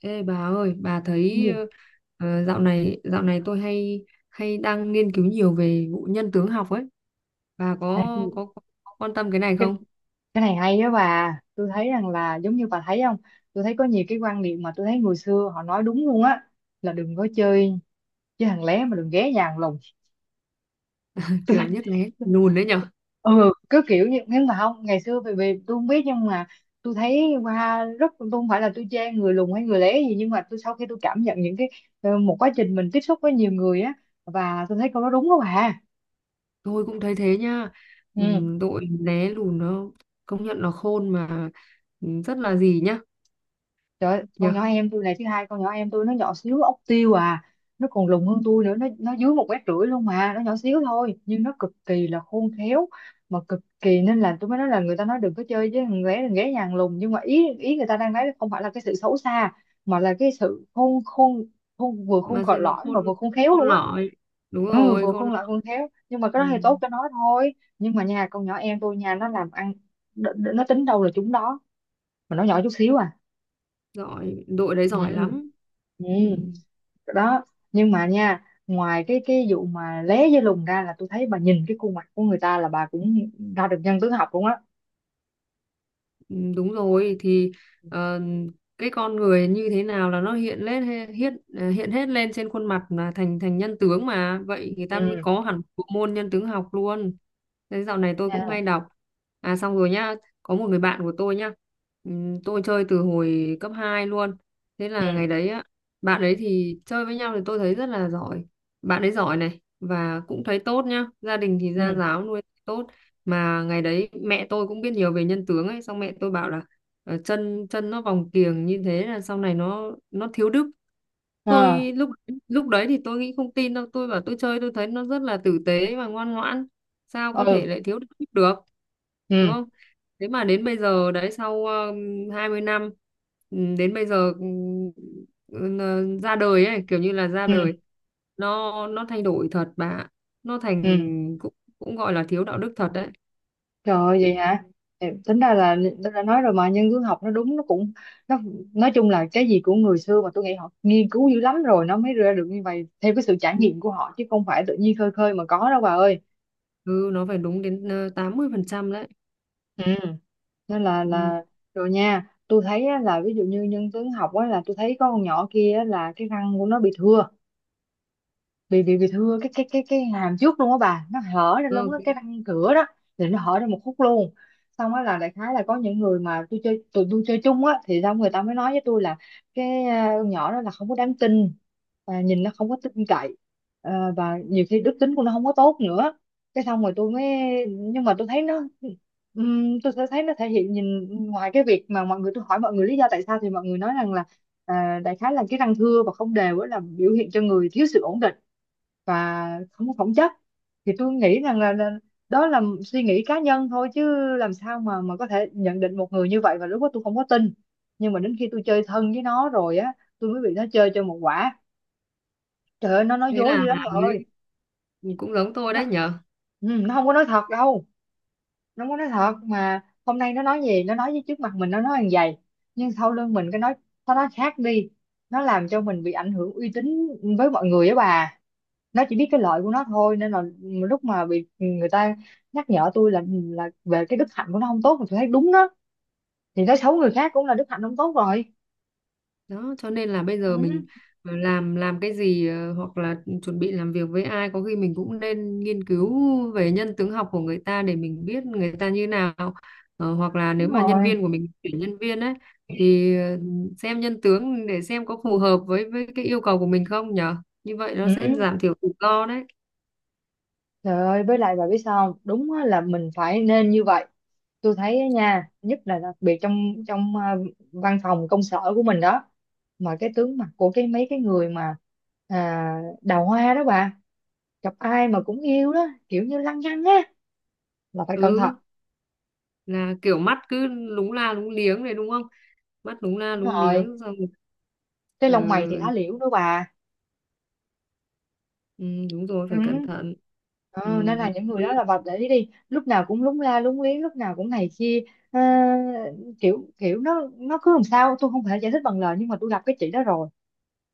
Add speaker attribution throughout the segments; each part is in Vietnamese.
Speaker 1: Ê bà ơi, bà
Speaker 2: Cái
Speaker 1: thấy
Speaker 2: gì?
Speaker 1: dạo này tôi hay hay đang nghiên cứu nhiều về vụ nhân tướng học ấy. Bà
Speaker 2: À,
Speaker 1: có quan tâm cái này
Speaker 2: cái,
Speaker 1: không?
Speaker 2: cái này hay đó bà. Tôi thấy rằng là giống như bà thấy không? Tôi thấy có nhiều cái quan niệm mà tôi thấy người xưa họ nói đúng luôn á. Là đừng có chơi chơi thằng lé mà đừng ghé nhà thằng lùng. Tôi thấy-
Speaker 1: Kiểu nhất lé lùn đấy nhở?
Speaker 2: ừ, cứ kiểu như, nhưng mà không, ngày xưa vì tôi không biết, nhưng mà tôi thấy qua rất, tôi không phải là tôi chê người lùn hay người lé gì, nhưng mà tôi sau khi tôi cảm nhận những cái, một quá trình mình tiếp xúc với nhiều người á, và tôi thấy câu đó đúng đó bà.
Speaker 1: Tôi cũng thấy thế nha.
Speaker 2: Ừ.
Speaker 1: Đội lé lùn nó công nhận nó khôn mà rất là gì nhá,
Speaker 2: Trời ơi, con
Speaker 1: nhở?
Speaker 2: nhỏ em tôi này, thứ hai con nhỏ em tôi nó nhỏ xíu ốc tiêu à, nó còn lùn hơn tôi nữa, nó dưới 1,5 m luôn, mà nó nhỏ xíu thôi nhưng nó cực kỳ là khôn khéo, mà cực kỳ, nên là tôi mới nói là người ta nói đừng có chơi với thằng bé nhà hàng lùn, nhưng mà ý ý người ta đang nói không phải là cái sự xấu xa, mà là cái sự khôn khôn khôn, vừa khôn
Speaker 1: Mà sự
Speaker 2: còi
Speaker 1: nó
Speaker 2: lõi
Speaker 1: khôn
Speaker 2: mà vừa khôn khéo
Speaker 1: khôn
Speaker 2: luôn á.
Speaker 1: lỏi. Đúng
Speaker 2: Ừ,
Speaker 1: rồi,
Speaker 2: vừa
Speaker 1: khôn
Speaker 2: khôn
Speaker 1: lỏi.
Speaker 2: lại khôn khéo, nhưng mà cái đó thì tốt
Speaker 1: Ừm,
Speaker 2: cho nó thôi, nhưng mà nhà con nhỏ em tôi nhà nó làm ăn, nó tính đâu là chúng đó, mà nó nhỏ chút xíu à.
Speaker 1: Giỏi, đội đấy
Speaker 2: Ừ.
Speaker 1: giỏi lắm.
Speaker 2: Ừ.
Speaker 1: Ừ.
Speaker 2: Đó. Nhưng mà nha, ngoài cái vụ mà lé với lùn ra, là tôi thấy bà nhìn cái khuôn mặt của người ta là bà cũng ra được nhân tướng học luôn á.
Speaker 1: Ừ, đúng rồi thì ờ, cái con người như thế nào là nó hiện lên he- hiện hiện hết lên trên khuôn mặt là thành thành nhân tướng mà vậy người ta mới
Speaker 2: Ừ.
Speaker 1: có hẳn bộ môn nhân tướng học luôn. Thế dạo này tôi
Speaker 2: À,
Speaker 1: cũng hay đọc. À, xong rồi nhá. Có một người bạn của tôi nhá, tôi chơi từ hồi cấp 2 luôn. Thế là ngày
Speaker 2: ừ.
Speaker 1: đấy á, bạn ấy thì chơi với nhau thì tôi thấy rất là giỏi. Bạn ấy giỏi này và cũng thấy tốt nhá, gia đình thì gia
Speaker 2: Ừ.
Speaker 1: giáo nuôi tốt. Mà ngày đấy mẹ tôi cũng biết nhiều về nhân tướng ấy, xong mẹ tôi bảo là chân chân nó vòng kiềng như thế là sau này nó thiếu đức.
Speaker 2: À,
Speaker 1: Tôi lúc lúc đấy thì tôi nghĩ không tin đâu, tôi bảo tôi chơi tôi thấy nó rất là tử tế và ngoan ngoãn, sao có thể
Speaker 2: Ừ.
Speaker 1: lại thiếu đức được. Đúng
Speaker 2: Ừ.
Speaker 1: không? Thế mà đến bây giờ đấy, sau 20 năm, đến bây giờ, ra đời ấy kiểu như là ra
Speaker 2: Ừ.
Speaker 1: đời, nó thay đổi thật bà ạ. Nó thành
Speaker 2: Ừ.
Speaker 1: cũng cũng gọi là thiếu đạo đức thật đấy.
Speaker 2: Trời ơi, vậy hả? Ừ, tính ra là tôi đã nói rồi mà, nhân tướng học nó đúng, nó cũng, nó nói chung là cái gì của người xưa mà tôi nghĩ họ nghiên cứu dữ lắm rồi nó mới ra được như vậy, theo cái sự trải nghiệm của họ chứ không phải tự nhiên khơi khơi mà có đâu bà ơi.
Speaker 1: Ừ nó phải đúng đến 80% đấy.
Speaker 2: Ừ, nên là
Speaker 1: Ừ.
Speaker 2: là rồi nha. Tôi thấy á, là ví dụ như nhân tướng học á, là tôi thấy có con nhỏ kia á, là cái răng của nó bị thưa, bị thưa cái hàm trước luôn á bà, nó hở ra luôn
Speaker 1: Ừ,
Speaker 2: á, cái răng cửa đó thì nó hở ra một khúc luôn. Xong á, là đại khái là có những người mà tôi chơi tụi tôi chơi chung á, thì xong người ta mới nói với tôi là, con nhỏ đó là không có đáng tin, và nhìn nó không có tin cậy. À, và nhiều khi đức tính của nó không có tốt nữa. Cái xong rồi tôi mới, nhưng mà tôi thấy nó, tôi sẽ thấy nó thể hiện, nhìn ngoài cái việc mà mọi người, tôi hỏi mọi người lý do tại sao thì mọi người nói rằng là, à, đại khái là cái răng thưa và không đều á là biểu hiện cho người thiếu sự ổn định và không có phẩm chất. Thì tôi nghĩ rằng là đó là suy nghĩ cá nhân thôi, chứ làm sao mà có thể nhận định một người như vậy, và lúc đó tôi không có tin. Nhưng mà đến khi tôi chơi thân với nó rồi á, tôi mới bị nó chơi cho một quả. Trời ơi, nó nói
Speaker 1: thế
Speaker 2: dối
Speaker 1: là
Speaker 2: dữ lắm bà
Speaker 1: mới
Speaker 2: ơi.
Speaker 1: cũng giống tôi
Speaker 2: nó,
Speaker 1: đấy nhở.
Speaker 2: nó không có nói thật đâu, nó không có nói thật. Mà hôm nay nó nói gì, nó nói với trước mặt mình nó nói hàng vậy, nhưng sau lưng mình cái nói, nó nói khác đi, nó làm cho mình bị ảnh hưởng uy tín với mọi người á bà. Nó chỉ biết cái lợi của nó thôi, nên là lúc mà bị người ta nhắc nhở tôi là về cái đức hạnh của nó không tốt, thì tôi thấy đúng đó, thì nói xấu người khác cũng là đức hạnh không tốt rồi.
Speaker 1: Đó cho nên là bây
Speaker 2: Ừ,
Speaker 1: giờ mình làm cái gì, hoặc là chuẩn bị làm việc với ai có khi mình cũng nên nghiên cứu về nhân tướng học của người ta để mình biết người ta như nào. Hoặc là
Speaker 2: đúng
Speaker 1: nếu mà nhân
Speaker 2: rồi.
Speaker 1: viên của mình tuyển nhân viên ấy thì xem nhân tướng để xem có phù hợp với cái yêu cầu của mình không nhở. Như vậy nó sẽ
Speaker 2: Ừ.
Speaker 1: giảm thiểu rủi ro đấy.
Speaker 2: Trời ơi, với lại bà biết sao không, đúng á, là mình phải nên như vậy. Tôi thấy á nha, nhất là đặc biệt trong trong à, văn phòng công sở của mình đó, mà cái tướng mặt của cái mấy cái người mà, à, đào hoa đó bà, gặp ai mà cũng yêu đó, kiểu như lăng nhăng á, là phải cẩn thận.
Speaker 1: Ừ, là kiểu mắt cứ lúng la lúng liếng này đúng không? Mắt lúng la
Speaker 2: Đúng
Speaker 1: lúng
Speaker 2: rồi,
Speaker 1: liếng xong rồi,
Speaker 2: cái
Speaker 1: ừ,
Speaker 2: lông mày thì lá liễu đó bà.
Speaker 1: ừ, đúng rồi
Speaker 2: Ừ.
Speaker 1: phải cẩn thận. Ừ,
Speaker 2: Ờ, nên là những người
Speaker 1: ê,
Speaker 2: đó là bà để ý đi, lúc nào cũng lúng la lúng liếng, lúc nào cũng này kia. Ờ, kiểu kiểu nó cứ làm sao tôi không thể giải thích bằng lời, nhưng mà tôi gặp cái chị đó rồi.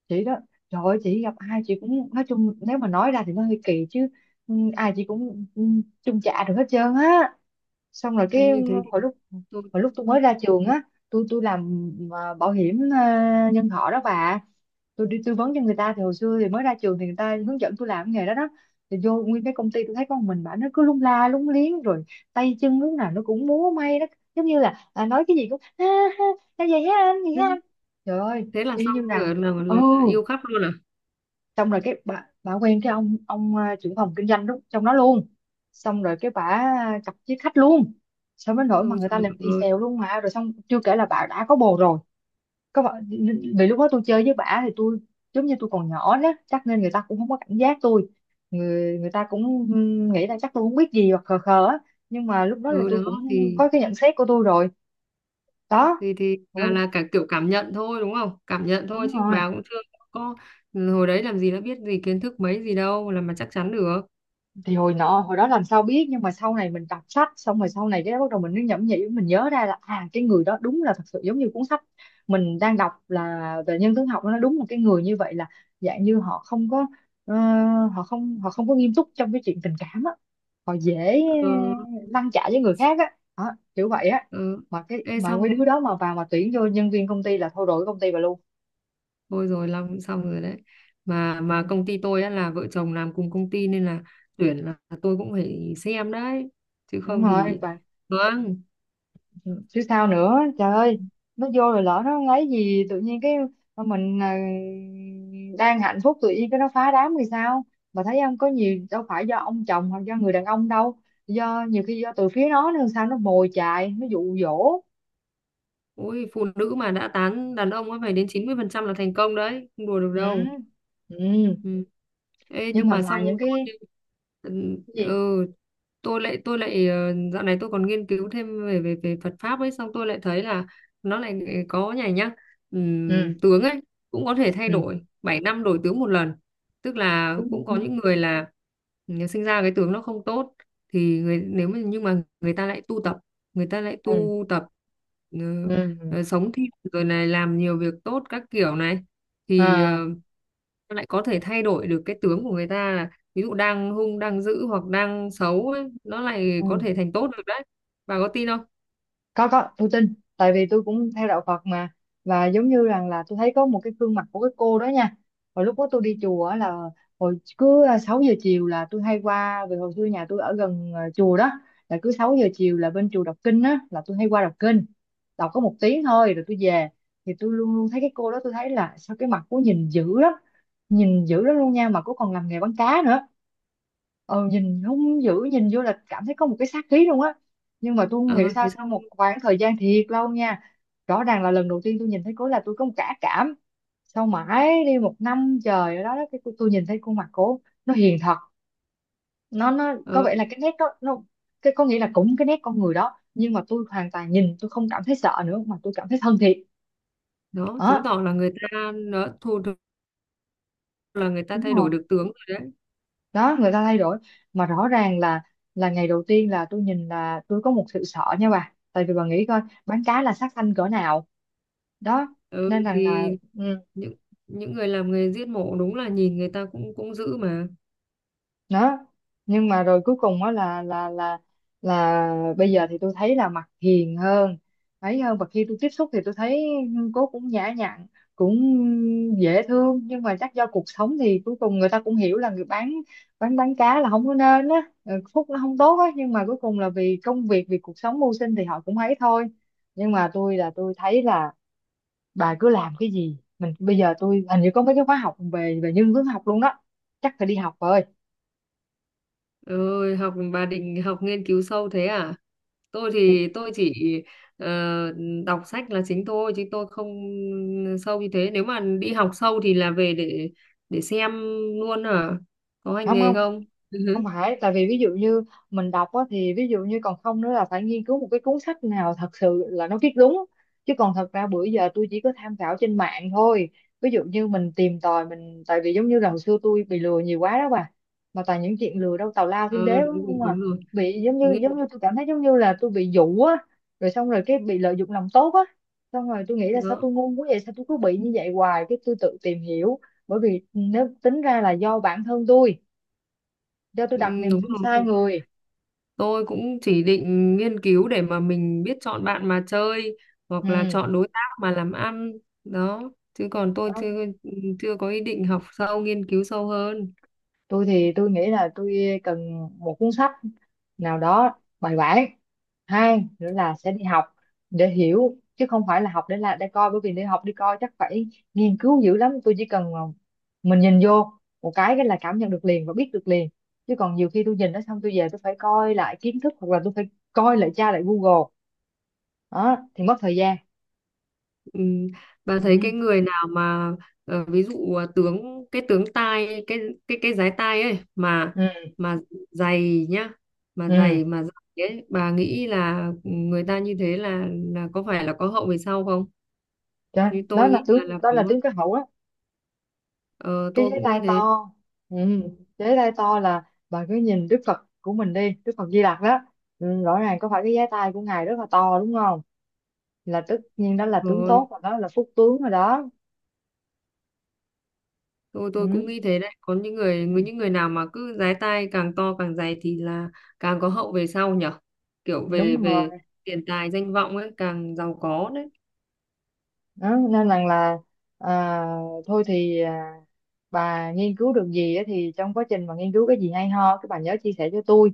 Speaker 2: Chị đó, trời ơi, chị gặp ai chị cũng, nói chung nếu mà nói ra thì nó hơi kỳ chứ, ừ, ai chị cũng, chung chạ được hết trơn á. Xong rồi cái,
Speaker 1: ê, thế
Speaker 2: hồi
Speaker 1: thì
Speaker 2: lúc
Speaker 1: thôi
Speaker 2: hồi lúc tôi mới ra trường á, tôi làm bảo hiểm nhân thọ đó bà, tôi đi tư vấn cho người ta. Thì hồi xưa thì mới ra trường thì người ta hướng dẫn tôi làm cái nghề đó đó, thì vô nguyên cái công ty tôi thấy con mình bà, nó cứ lung la lung liếng rồi, tay chân lúc nào nó cũng múa may đó, giống như là à, nói cái gì cũng ha ha ha, vậy hả anh, vậy
Speaker 1: thế
Speaker 2: hả anh. Trời ơi,
Speaker 1: thế là
Speaker 2: y
Speaker 1: xong
Speaker 2: như rằng.
Speaker 1: rồi là, là,
Speaker 2: Ừ.
Speaker 1: là yêu khắp luôn à?
Speaker 2: Xong rồi cái bà quen cái ông à, trưởng phòng kinh doanh lúc trong đó luôn, xong rồi cái bà chọc với khách luôn, xong đến nỗi mà
Speaker 1: Ôi
Speaker 2: người ta
Speaker 1: trời
Speaker 2: làm y
Speaker 1: ơi.
Speaker 2: xèo luôn, mà rồi xong chưa kể là bà đã có bồ rồi, có vợ. Vì lúc đó tôi chơi với bả thì tôi, giống như tôi còn nhỏ đó chắc, nên người ta cũng không có cảnh giác tôi, người người ta cũng nghĩ là chắc tôi không biết gì, hoặc khờ khờ á. Nhưng mà lúc đó là
Speaker 1: Ừ,
Speaker 2: tôi
Speaker 1: đó
Speaker 2: cũng
Speaker 1: thì
Speaker 2: có cái nhận xét của tôi rồi. Đó.
Speaker 1: thì
Speaker 2: Ôi,
Speaker 1: là cả kiểu cảm nhận thôi đúng không, cảm nhận thôi
Speaker 2: đúng
Speaker 1: chứ
Speaker 2: rồi.
Speaker 1: bà cũng chưa có. Ừ, hồi đấy làm gì đã biết gì kiến thức mấy gì đâu làm mà chắc chắn được.
Speaker 2: Thì hồi nọ hồi đó làm sao biết, nhưng mà sau này mình đọc sách xong rồi, sau này cái bắt đầu mình mới nhẩm nhĩ, mình nhớ ra là à, cái người đó đúng là thật sự giống như cuốn sách mình đang đọc là về nhân tướng học, nó đúng là cái người như vậy, là dạng như họ không có, ờ, họ không có nghiêm túc trong cái chuyện tình cảm á, họ dễ
Speaker 1: ờ,
Speaker 2: lăn trả với người khác á. Đó, kiểu vậy á.
Speaker 1: ờ.
Speaker 2: Mà cái
Speaker 1: Ê,
Speaker 2: mà
Speaker 1: xong
Speaker 2: mấy đứa đó mà vào mà tuyển vô nhân viên công ty là thôi, đổi công ty bà luôn.
Speaker 1: thôi rồi long cũng xong rồi đấy. Mà
Speaker 2: Ừ.
Speaker 1: công ty tôi á là vợ chồng làm cùng công ty nên là tuyển là tôi cũng phải xem đấy, chứ
Speaker 2: Đúng
Speaker 1: không
Speaker 2: rồi
Speaker 1: thì.
Speaker 2: bà,
Speaker 1: Vâng.
Speaker 2: chứ sao nữa, trời ơi. Nó vô rồi lỡ nó lấy gì, tự nhiên cái mình à, đang hạnh phúc tự nhiên cái nó phá đám thì sao. Mà thấy không có nhiều đâu phải do ông chồng hoặc do người đàn ông đâu, do nhiều khi do từ phía nó nữa, sao nó mồi chài, nó dụ dỗ.
Speaker 1: Ôi, phụ nữ mà đã tán đàn ông á phải đến 90% là thành công đấy, không đùa được
Speaker 2: Ừ.
Speaker 1: đâu.
Speaker 2: Ừ.
Speaker 1: Ừ. Ê,
Speaker 2: Nhưng
Speaker 1: nhưng
Speaker 2: mà
Speaker 1: mà xong
Speaker 2: ngoài những cái cái gì?
Speaker 1: Ừ, tôi lại dạo này tôi còn nghiên cứu thêm về về về Phật pháp ấy xong tôi lại thấy là nó lại có nhảy nhá.
Speaker 2: Ừ.
Speaker 1: Tướng ấy cũng có thể thay
Speaker 2: Ừ.
Speaker 1: đổi 7 năm đổi tướng một lần. Tức là
Speaker 2: Ừ.
Speaker 1: cũng có những người là, sinh ra cái tướng nó không tốt, thì người nếu mà nhưng mà người ta lại tu tập, người ta lại
Speaker 2: Ừ.
Speaker 1: tu tập, ừ,
Speaker 2: Ừ.
Speaker 1: sống thiện rồi này làm nhiều việc tốt các kiểu này, thì
Speaker 2: À.
Speaker 1: lại có thể thay đổi được cái tướng của người ta, là ví dụ đang hung đang dữ hoặc đang xấu ấy, nó lại có
Speaker 2: Ừ.
Speaker 1: thể thành tốt được đấy. Bà có tin không?
Speaker 2: Có, tôi tin tại vì tôi cũng theo đạo Phật mà. Và giống như rằng là tôi thấy có một cái gương mặt của cái cô đó nha. Hồi lúc đó tôi đi chùa á, là hồi cứ 6 giờ chiều là tôi hay qua, vì hồi xưa nhà tôi ở gần chùa đó. Là cứ 6 giờ chiều là bên chùa đọc kinh á, là tôi hay qua đọc kinh. Đọc có một tiếng thôi rồi tôi về. Thì tôi luôn luôn thấy cái cô đó, tôi thấy là sao cái mặt cô nhìn dữ lắm. Nhìn dữ lắm luôn nha, mà cô còn làm nghề bán cá nữa. Nhìn hung dữ, nhìn vô là cảm thấy có một cái sát khí luôn á. Nhưng mà tôi không hiểu
Speaker 1: Ờ,
Speaker 2: sao,
Speaker 1: Thế
Speaker 2: sau
Speaker 1: xong.
Speaker 2: một khoảng thời gian thiệt lâu nha, rõ ràng là lần đầu tiên tôi nhìn thấy cố là tôi có một cả cảm. Sau mãi đi một năm trời ở đó đó, cái tôi nhìn thấy khuôn mặt cố nó hiền thật. Nó có
Speaker 1: ờ,
Speaker 2: vẻ là cái nét đó nó... Cái có nghĩa là cũng cái nét con người đó, nhưng mà tôi hoàn toàn nhìn, tôi không cảm thấy sợ nữa mà tôi cảm thấy thân thiện.
Speaker 1: Đó chứng
Speaker 2: Đó.
Speaker 1: tỏ là người ta nó thu được, là người ta
Speaker 2: Đúng
Speaker 1: thay
Speaker 2: rồi.
Speaker 1: đổi được tướng rồi đấy.
Speaker 2: Đó, người ta thay đổi. Mà rõ ràng là ngày đầu tiên là tôi nhìn là tôi có một sự sợ nha bà, tại vì bà nghĩ coi, bán cá là sát sanh cỡ nào. Đó,
Speaker 1: Ừ,
Speaker 2: nên rằng là
Speaker 1: thì
Speaker 2: ừ,
Speaker 1: những những người làm nghề giết mổ đúng là nhìn người ta cũng cũng dữ mà.
Speaker 2: đó, nhưng mà rồi cuối cùng đó là là bây giờ thì tôi thấy là mặt hiền hơn, ấy hơn, và khi tôi tiếp xúc thì tôi thấy cô cũng nhã nhặn, cũng dễ thương, nhưng mà chắc do cuộc sống thì cuối cùng người ta cũng hiểu là người bán, bán cá là không có nên á. Ừ, phúc nó không tốt á, nhưng mà cuối cùng là vì công việc, vì cuộc sống mưu sinh thì họ cũng ấy thôi. Nhưng mà tôi là tôi thấy là, bà cứ làm cái gì mình. Bây giờ tôi hình như có mấy cái khóa học về về nhân hướng học luôn đó. Chắc phải đi học rồi.
Speaker 1: Ơi học, bà định học nghiên cứu sâu thế à? Tôi
Speaker 2: Thì-
Speaker 1: thì tôi chỉ ờ, đọc sách là chính thôi chứ tôi không sâu như thế, nếu mà đi học sâu thì là về để xem luôn hả? Có hành
Speaker 2: Không,
Speaker 1: nghề
Speaker 2: không,
Speaker 1: không?
Speaker 2: không phải, tại vì ví dụ như mình đọc á, thì ví dụ như còn không nữa là phải nghiên cứu một cái cuốn sách nào thật sự là nó viết đúng. Chứ còn thật ra bữa giờ tôi chỉ có tham khảo trên mạng thôi. Ví dụ như mình tìm tòi mình, tại vì giống như là hồi xưa tôi bị lừa nhiều quá đó bà. Mà toàn những chuyện lừa đâu tào lao thiên đế,
Speaker 1: Ờ,
Speaker 2: đúng
Speaker 1: đúng rồi,
Speaker 2: không à.
Speaker 1: đúng rồi.
Speaker 2: Bị giống như giống
Speaker 1: nghiên
Speaker 2: như tôi cảm thấy giống như là tôi bị dụ á, rồi xong rồi cái bị lợi dụng lòng tốt á. Xong rồi tôi nghĩ là sao
Speaker 1: Đó.
Speaker 2: tôi ngu quá vậy, sao tôi cứ bị như vậy hoài, cái tôi tự tìm hiểu. Bởi vì nếu tính ra là do bản thân tôi, do tôi
Speaker 1: Ừ,
Speaker 2: đặt niềm
Speaker 1: đúng
Speaker 2: tin
Speaker 1: rồi, đúng
Speaker 2: sai
Speaker 1: rồi,
Speaker 2: người.
Speaker 1: tôi cũng chỉ định nghiên cứu để mà mình biết chọn bạn mà chơi, hoặc là
Speaker 2: Ừ.
Speaker 1: chọn đối tác mà làm ăn. Đó. Chứ còn tôi
Speaker 2: Đó.
Speaker 1: chưa chưa có ý định học sâu nghiên cứu sâu hơn.
Speaker 2: Tôi thì tôi nghĩ là tôi cần một cuốn sách nào đó bài bản. Hai nữa là sẽ đi học để hiểu, chứ không phải là học để là để coi, bởi vì để học đi coi chắc phải nghiên cứu dữ lắm. Tôi chỉ cần mà mình nhìn vô một cái là cảm nhận được liền và biết được liền. Chứ còn nhiều khi tôi nhìn nó xong, tôi về tôi phải coi lại kiến thức, hoặc là tôi phải coi lại, tra lại Google, đó thì mất thời gian.
Speaker 1: Ừ. Bà thấy
Speaker 2: Ừ.
Speaker 1: cái người nào mà ví dụ à, cái tướng tai, cái dái tai ấy mà
Speaker 2: Ừ.
Speaker 1: mà dày nhá,
Speaker 2: Ừ.
Speaker 1: mà dày ấy, bà nghĩ là người ta như thế là có phải là có hậu về sau không?
Speaker 2: Đó,
Speaker 1: Như
Speaker 2: đó
Speaker 1: tôi
Speaker 2: là
Speaker 1: nghĩ là
Speaker 2: tướng,
Speaker 1: là
Speaker 2: đó
Speaker 1: có.
Speaker 2: là tướng cái hậu đó.
Speaker 1: Ờ,
Speaker 2: Cái
Speaker 1: tôi
Speaker 2: giấy
Speaker 1: cũng
Speaker 2: tay
Speaker 1: nghĩ
Speaker 2: to.
Speaker 1: thế.
Speaker 2: Ừ. Giấy tay to là bà cứ nhìn Đức Phật của mình đi, Đức Phật Di Lặc đó. Ừ. Rõ ràng có phải cái giấy tay của ngài rất là to, đúng không. Là tất nhiên đó là tướng
Speaker 1: Rồi
Speaker 2: tốt rồi, đó là phúc tướng rồi đó.
Speaker 1: tôi cũng
Speaker 2: Ừ.
Speaker 1: nghĩ thế đấy, có những người nào mà cứ dái tai càng to càng dày thì là càng có hậu về sau nhở, kiểu
Speaker 2: Đúng
Speaker 1: về
Speaker 2: rồi.
Speaker 1: về tiền tài danh vọng ấy càng giàu có đấy.
Speaker 2: Đó, nên rằng là à, thôi thì bà nghiên cứu được gì á, thì trong quá trình mà nghiên cứu cái gì hay ho cái bà nhớ chia sẻ cho tôi.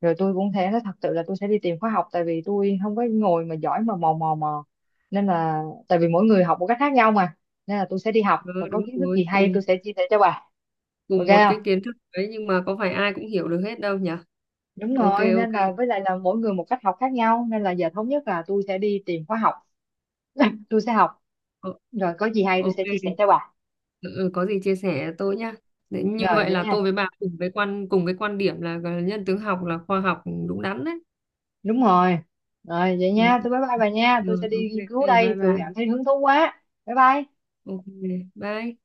Speaker 2: Rồi tôi cũng thế, thật sự là tôi sẽ đi tìm khóa học, tại vì tôi không có ngồi mà giỏi mà mò mò mò. Nên là tại vì mỗi người học một cách khác nhau mà. Nên là tôi sẽ đi học,
Speaker 1: Ừ,
Speaker 2: và có
Speaker 1: đúng
Speaker 2: kiến thức gì
Speaker 1: rồi,
Speaker 2: hay
Speaker 1: cùng
Speaker 2: tôi sẽ chia sẻ cho bà. Ok
Speaker 1: cùng một
Speaker 2: không.
Speaker 1: cái kiến thức đấy nhưng mà có phải ai cũng hiểu được hết đâu nhỉ?
Speaker 2: Đúng
Speaker 1: Ok,
Speaker 2: rồi, nên là
Speaker 1: ok.
Speaker 2: với lại là mỗi người một cách học khác nhau, nên là giờ thống nhất là tôi sẽ đi tìm khóa học. Tôi sẽ học,
Speaker 1: Ờ,
Speaker 2: rồi có gì hay tôi
Speaker 1: ok,
Speaker 2: sẽ chia sẻ cho bà.
Speaker 1: ừ, ừ, có gì chia sẻ tôi nhá. Đấy, như
Speaker 2: Rồi
Speaker 1: vậy
Speaker 2: vậy
Speaker 1: là
Speaker 2: nha.
Speaker 1: tôi với bà cùng cái quan điểm là gọi là nhân tướng học là khoa học đúng đắn đấy.
Speaker 2: Đúng rồi. Rồi vậy
Speaker 1: Ừ.
Speaker 2: nha, tôi bye bye bà nha, tôi
Speaker 1: Rồi,
Speaker 2: sẽ đi
Speaker 1: ok,
Speaker 2: nghiên cứu
Speaker 1: bye
Speaker 2: đây, tôi
Speaker 1: bà.
Speaker 2: cảm thấy hứng thú quá, bye bye.
Speaker 1: Ok, bye.